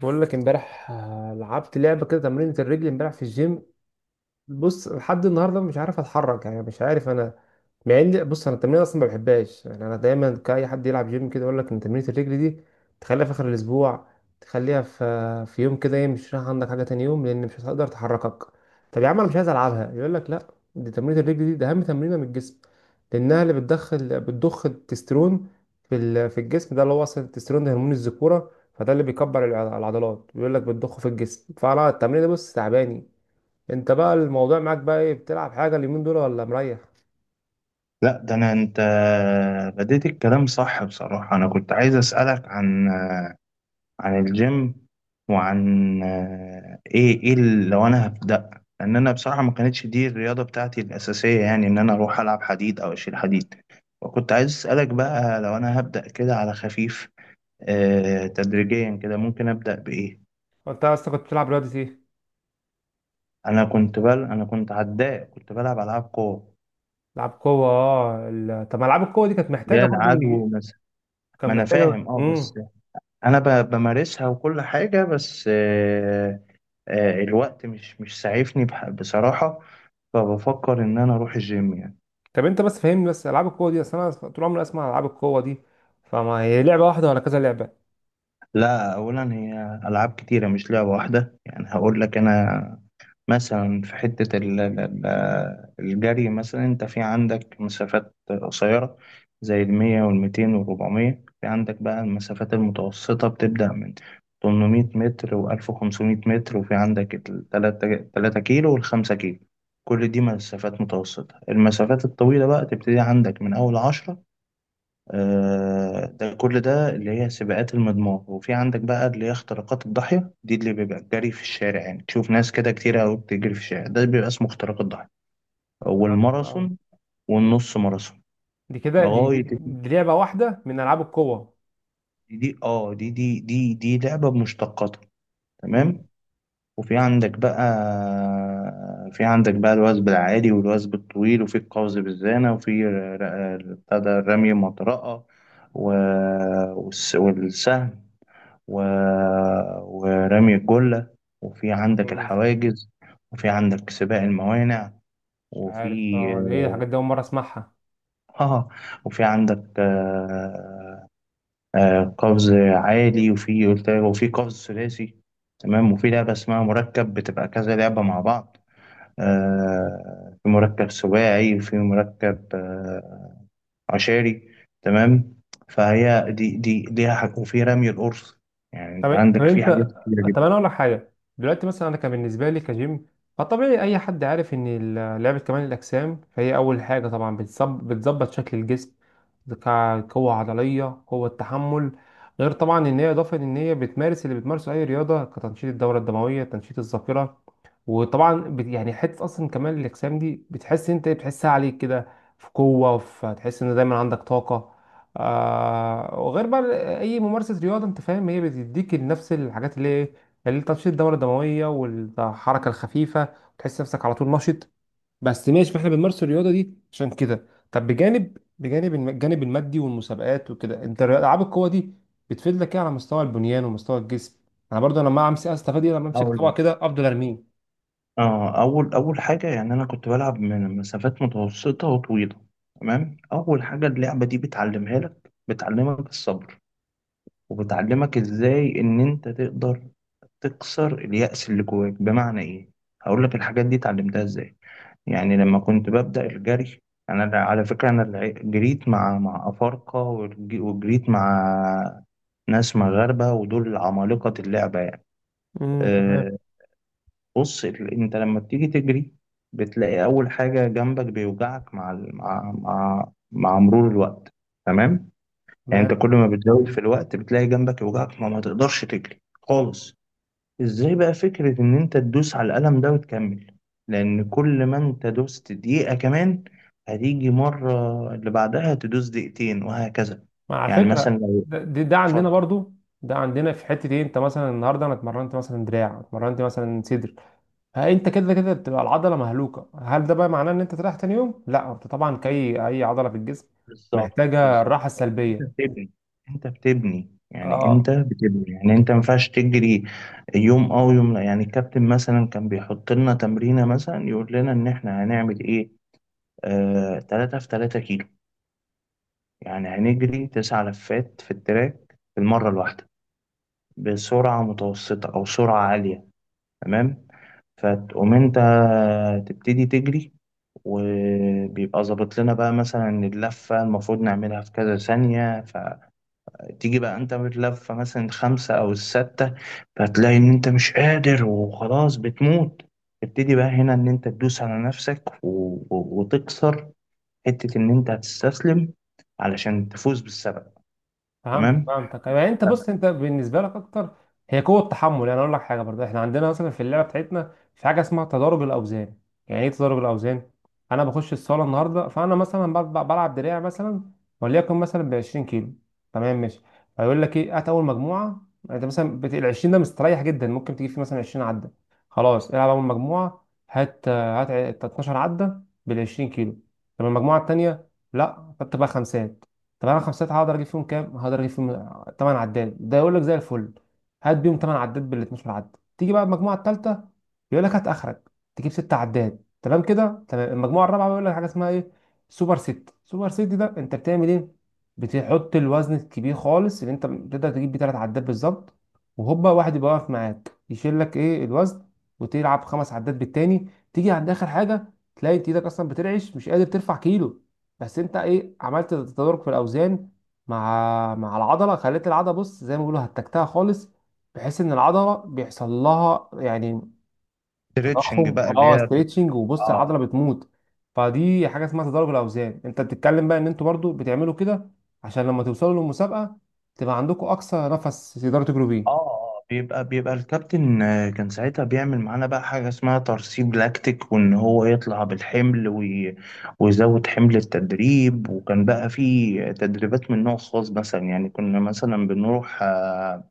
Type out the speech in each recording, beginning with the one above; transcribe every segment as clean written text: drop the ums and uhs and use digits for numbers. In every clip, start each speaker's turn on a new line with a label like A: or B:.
A: بقول لك امبارح لعبت لعبه كده تمرينة الرجل امبارح في الجيم. بص، لحد النهارده مش عارف اتحرك، يعني مش عارف انا. مع ان بص انا التمرين اصلا ما بحبهاش، يعني انا دايما، كاي حد يلعب جيم كده يقول لك ان تمرينه الرجل دي تخليها في اخر الاسبوع، تخليها في يوم كده ايه مش رايح عندك حاجه تاني يوم، لان مش هتقدر تحركك. طب يا عم انا مش عايز العبها، يقول لك لا، دي تمرينه الرجل دي ده اهم تمرينه من الجسم، لانها اللي بتدخل بتضخ التسترون في في الجسم ده، اللي هو اصلا التسترون ده هرمون الذكوره، فده اللي بيكبر العضلات، بيقول لك بتضخه في الجسم، فانا التمرين ده بص تعباني. انت بقى الموضوع معاك بقى ايه، بتلعب حاجه اليومين دول ولا مريح؟
B: لا، ده انا. انت بديت الكلام صح. بصراحة، انا كنت عايز اسألك عن الجيم، وعن لو انا هبدأ. لان انا بصراحة ما كانتش دي الرياضة بتاعتي الاساسية، يعني ان انا اروح العب حديد او اشيل حديد. وكنت عايز اسألك بقى لو انا هبدأ كده على خفيف، تدريجيا كده. ممكن ابدأ بايه؟
A: انت اصلا كنت بتلعب رياضه ايه؟
B: انا كنت انا كنت عداء، كنت بلعب العاب قوة،
A: لعب قوه. طب ما العاب القوه دي كانت
B: اللي
A: محتاجه
B: هي
A: برضو ان
B: العدو مثلا.
A: كان
B: ما انا
A: محتاجه.
B: فاهم، بس
A: امم.
B: انا بمارسها وكل حاجه. بس الوقت مش سعيفني بصراحه، فبفكر ان انا اروح الجيم يعني.
A: طب انت بس فهمني بس، العاب القوه دي، اصل انا طول عمري اسمع عن العاب القوه دي، فما هي لعبه واحده ولا كذا لعبه؟
B: لا، اولا هي العاب كتيره، مش لعبه واحده. يعني هقول لك انا مثلا في حتة الجري مثلا. انت في عندك مسافات قصيرة زي الـ100 والـ200 والـ400. في عندك بقى المسافات المتوسطة، بتبدأ من 800 متر، و1500 متر، وفي عندك 3 كيلو، والـ5 كيلو، كل دي مسافات متوسطة. المسافات الطويلة بقى تبتدي عندك من أول 10، ده كل ده اللي هي سباقات المضمار. وفي عندك بقى اللي هي اختراقات الضاحية، دي اللي بيبقى الجري في الشارع. يعني تشوف ناس كده كتير أوي بتجري في الشارع، ده بيبقى اسمه اختراق الضاحية،
A: فهمت، اه،
B: والماراثون، والنص ماراثون.
A: دي كده دي,
B: لغاية
A: دي لعبه واحده من العاب القوه.
B: دي، دي دي لعبة بمشتقاتها،
A: امم.
B: تمام. وفي عندك بقى في عندك بقى الوثب العالي والوثب الطويل، وفي القفز بالزانة، وفي ر- ر- بتاع ده رمي المطرقة، و- والسهم، و... ورمي الجلة، وفي عندك
A: امم.
B: الحواجز، وفي عندك سباق الموانع.
A: مش عارف
B: وفي
A: اه ده ايه الحاجات دي، اول مره اسمعها.
B: اه وفي عندك قفز عالي، وفي قلت وفي قفز ثلاثي، تمام. وفي لعبة اسمها مركب، بتبقى كذا لعبة مع بعض. في مركب سباعي، وفي مركب عشاري، تمام. فهي دي ليها حاجة. وفي رمي القرص. يعني انت
A: طب
B: عندك في
A: انت.
B: حاجات كتيرة
A: طب انا اقول لك حاجه. دلوقتي مثلا، انا كان بالنسبه لي كجيم فطبيعي اي حد عارف ان لعبه كمال الاجسام، فهي اول حاجه طبعا بتظبط شكل الجسم، قوه عضليه، قوه تحمل. غير طبعا ان هي اضافه، ان هي بتمارس اللي بتمارسه اي رياضه، كتنشيط الدوره الدمويه، تنشيط الذاكره. وطبعا يعني حته اصلا كمال الاجسام دي بتحس انت إيه، بتحسها عليك كده، في قوه، في تحس ان دايما عندك طاقه. وغير بقى اي ممارسه رياضه انت فاهم هي بتديك نفس الحاجات اللي ايه، اللي تنشيط الدوره الدمويه والحركه الخفيفه، وتحس نفسك على طول نشط. بس ماشي، ما احنا بنمارس الرياضه دي عشان كده. طب بجانب، الجانب المادي والمسابقات وكده، انت العاب القوه دي بتفيد لك ايه على مستوى البنيان ومستوى الجسم؟ انا برضه لما امسك، استفاد ايه لما امسك
B: جدا.
A: طبق كده افضل ارميه؟
B: اول حاجه، يعني انا كنت بلعب من مسافات متوسطه وطويله. تمام، اول حاجه اللعبه دي بتعلمها لك، بتعلمك الصبر، وبتعلمك ازاي ان انت تقدر تكسر اليأس اللي جواك. بمعنى ايه؟ هقول لك الحاجات دي اتعلمتها ازاي. يعني لما كنت ببدأ الجري، انا على فكره، انا جريت مع افارقه، وجريت مع ناس مغاربه، ودول عمالقه اللعبه يعني.
A: امم. تمام.
B: آه، بص، انت لما بتيجي تجري، بتلاقي اول حاجه جنبك بيوجعك مع ال- مع مع, مع مرور الوقت، تمام. يعني انت
A: تمام.
B: كل ما بتزود في الوقت، بتلاقي جنبك يوجعك، ما تقدرش تجري خالص. ازاي بقى فكره ان انت تدوس على القلم ده وتكمل؟ لان كل ما انت دوست دقيقه كمان، هتيجي مره اللي بعدها تدوس دقيقتين وهكذا.
A: ما على
B: يعني
A: فكره
B: مثلا،
A: ده
B: لو
A: عندنا برضو، ده عندنا في حته ايه، انت مثلا النهارده انا اتمرنت مثلا دراع، اتمرنت مثلا صدر، ها، انت كده كده بتبقى العضله مهلوكه، هل ده بقى معناه ان انت تريح تاني يوم؟ لا، انت طبعا كاي اي عضله في الجسم
B: بالظبط
A: محتاجه
B: بالظبط،
A: الراحه
B: لان انت
A: السلبيه.
B: بتبني. انت
A: اه.
B: بتبني، يعني انت ما ينفعش تجري يوم اه ويوم لا. يعني الكابتن مثلا كان بيحط لنا تمرينه، مثلا يقول لنا ان احنا هنعمل ايه. 3 في 3 كيلو، يعني هنجري 9 لفات في التراك في المره الواحده، بسرعه متوسطه او سرعه عاليه، تمام. فتقوم انت تبتدي تجري، وبيبقى ظابط لنا بقى مثلا اللفة المفروض نعملها في كذا ثانية. تيجي بقى انت بتلف مثلا الخمسة او الستة، فتلاقي ان انت مش قادر وخلاص بتموت. تبتدي بقى هنا ان انت تدوس على نفسك وتكسر حتة ان انت هتستسلم، علشان تفوز بالسبب.
A: فهمتك،
B: تمام.
A: فهمتك، يعني انت، بص، انت بالنسبه لك اكتر هي قوه التحمل. يعني اقول لك حاجه برضه، احنا عندنا مثلا في اللعبه بتاعتنا في حاجه اسمها تدرج الاوزان. يعني ايه تدرج الاوزان؟ انا بخش الصاله النهارده فانا مثلا بلعب دراع مثلا، وليكن مثلا ب 20 كيلو. تمام، ماشي. فيقول لك ايه، هات اول مجموعه، انت مثلا ال 20 ده مستريح جدا، ممكن تجيب فيه مثلا 20 عده، خلاص، العب اول مجموعه، هات 12 عده بال 20 كيلو. طب المجموعه التانيه؟ لا، فتبقى خمسات. طب انا خمسات هقدر اجيب فيهم كام؟ هقدر اجيب فيهم 8 عداد. ده يقول لك زي الفل، هات بيهم 8 عداد بال 12 عداد. تيجي بقى المجموعه الثالثه، يقول لك هات اخرك، تجيب 6 عداد، تمام كده، تمام. المجموعه الرابعه بيقول لك حاجه اسمها ايه؟ سوبر ست. سوبر ست ده انت بتعمل ايه؟ بتحط الوزن الكبير خالص اللي انت بتقدر تجيب بيه 3 عداد بالظبط، وهوبا واحد يبقى واقف معاك يشيل لك ايه الوزن، وتلعب خمس عداد بالتاني. تيجي عند اخر حاجه تلاقي انت ايدك اصلا بترعش، مش قادر ترفع كيلو. بس انت ايه عملت؟ تدرج في الاوزان، مع العضله، خليت العضله بص زي ما بيقولوا هتكتها خالص، بحيث ان العضله بيحصل لها يعني
B: ستريتشنج
A: تضخم،
B: بقى اللي
A: اه،
B: هي.
A: ستريتشنج، وبص
B: اه
A: العضله بتموت. فدي حاجه اسمها تدرج الاوزان، انت بتتكلم بقى ان انتوا برضو بتعملوا كده عشان لما توصلوا للمسابقه تبقى عندكم اقصى نفس تقدروا تجروا بيه.
B: اه بيبقى الكابتن، كان ساعتها بيعمل معانا بقى حاجة اسمها ترسيب لاكتيك، وان هو يطلع بالحمل ويزود حمل التدريب. وكان بقى في تدريبات من نوع خاص، مثلا يعني كنا مثلا بنروح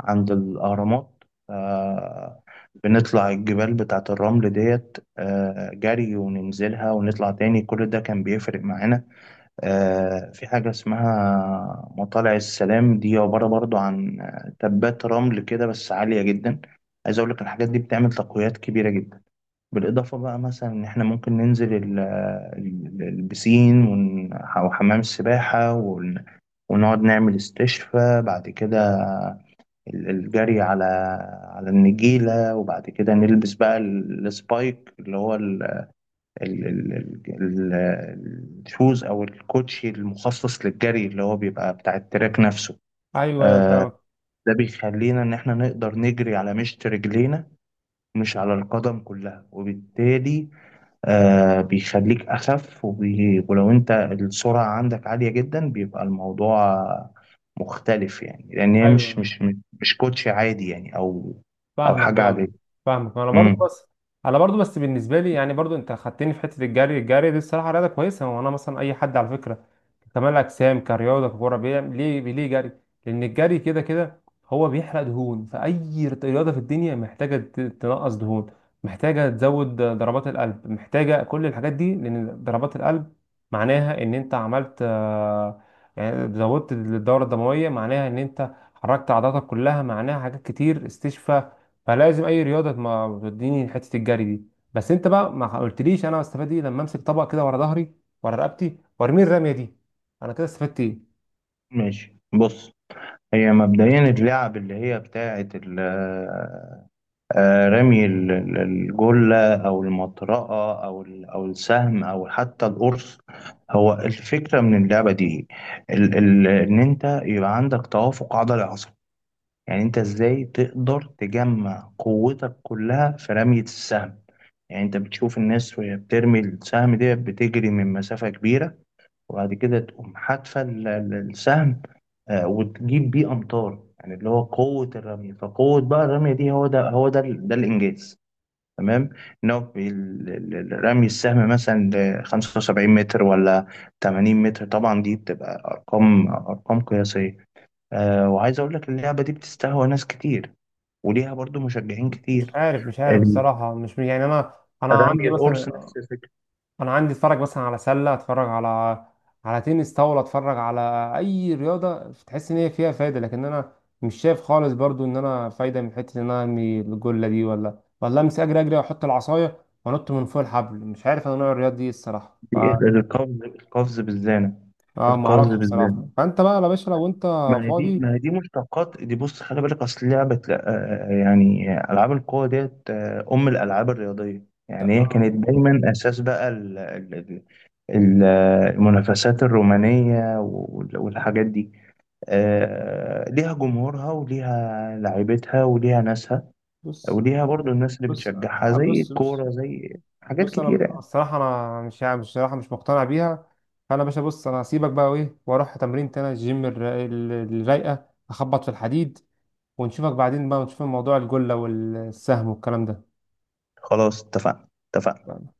B: عند الأهرامات، آه، بنطلع الجبال بتاعة الرمل ديت، جري، وننزلها ونطلع تاني، كل ده كان بيفرق معانا. في حاجة اسمها مطالع السلام، دي عبارة برضو عن تبات رمل كده بس عالية جدا. عايز أقول لك الحاجات دي بتعمل تقويات كبيرة جدا. بالإضافة بقى، مثلا إن إحنا ممكن ننزل البسين، أو حمام السباحة، ونقعد نعمل استشفاء بعد كده. الجري على النجيلة، وبعد كده نلبس بقى السبايك، اللي هو ال- ال- ال- ال- الشوز او الكوتشي المخصص للجري، اللي هو بيبقى بتاع التراك نفسه.
A: ايوه، ايوه، أنا
B: آه،
A: فاهمك.
B: ده بيخلينا ان احنا نقدر نجري على مشط رجلينا، مش على القدم كلها، وبالتالي بيخليك اخف، ولو انت السرعة عندك عالية جدا، بيبقى الموضوع مختلف. يعني لان هي مش
A: ايوه،
B: مش مش كوتشي عادي، يعني او
A: فاهمك،
B: حاجة
A: فاهمك.
B: عادية.
A: فاهمك، انا برضو
B: امم
A: بس. انا برضو بس بالنسبه لي يعني برضو، انت خدتني في حته الجري، الجري دي الصراحه رياضه كويسه، وانا مثلا اي حد على فكره كمال اجسام كرياضه ككوره بيعمل ليه جري، لان الجري كده كده هو بيحرق دهون، فاي رياضه في الدنيا محتاجه تنقص دهون، محتاجه تزود ضربات القلب، محتاجه كل الحاجات دي، لان ضربات القلب معناها ان انت عملت يعني زودت الدوره الدمويه، معناها ان انت حركت عضلاتك كلها، معناها حاجات كتير، استشفى. فلازم اي رياضه ما توديني حته الجري دي. بس انت بقى ما قلتليش، انا هستفاد ايه لما امسك طبق كده ورا ظهري، ورا رقبتي، وارمي الرميه دي، انا كده استفدت ايه؟
B: ماشي. بص، هي مبدئيا اللعب اللي هي بتاعة ال آه، رمي الجلة، أو المطرقة، أو السهم، أو حتى القرص. هو الفكرة من اللعبة دي ال ال إن أنت يبقى عندك توافق عضلي عصبي. يعني أنت إزاي تقدر تجمع قوتك كلها في رمية السهم. يعني أنت بتشوف الناس وهي بترمي السهم ده، بتجري من مسافة كبيرة وبعد كده تقوم حادفة السهم. وتجيب بيه أمطار، يعني اللي هو قوة الرمية. فقوة بقى الرمية دي، هو ده الإنجاز، تمام. ان هو رمي السهم مثلا ل 75 متر ولا 80 متر، طبعا دي بتبقى ارقام، قياسيه. وعايز اقول لك اللعبه دي بتستهوى ناس كتير، وليها برضو مشجعين
A: مش
B: كتير.
A: عارف، مش عارف
B: ال-
A: الصراحه، مش يعني انا، انا
B: رمي
A: عندي
B: القرص
A: مثلا
B: نفس الفكره.
A: انا عندي اتفرج مثلا على سله، اتفرج على تنس طاوله، اتفرج على اي رياضه تحس ان هي فيها فايده، لكن انا مش شايف خالص برضو ان انا فايده من حته ان انا ارمي الجله دي ولا امسك اجري اجري واحط العصايه وانط من فوق الحبل، مش عارف انا نوع الرياضه دي إيه الصراحه.
B: دي القفز، القفز بالزانه
A: اه، ما
B: القفز
A: اعرفش
B: بالزانه
A: الصراحه. فانت بقى يا باشا لو انت فاضي،
B: ما هي دي مشتقات دي. بص خلي بالك، اصل لعبه يعني العاب القوه ديت، ام الالعاب الرياضيه، يعني هي
A: آه،
B: كانت دايما اساس بقى ال- المنافسات الرومانية والحاجات دي. ليها جمهورها، وليها لعيبتها، وليها ناسها،
A: بص
B: وليها برضو الناس اللي
A: بص،
B: بتشجعها زي
A: بص بص،
B: الكورة، زي حاجات
A: بص
B: كتيرة
A: انا
B: يعني.
A: الصراحه انا مش الصراحه مش مقتنع بيها. فانا يا باشا بص، انا هسيبك بقى وايه، واروح تمرين تاني، الجيم الرايقه، اخبط في الحديد، ونشوفك بعدين بقى، ونشوف موضوع الجله والسهم والكلام
B: خلاص، اتفقنا، اتفقنا.
A: ده.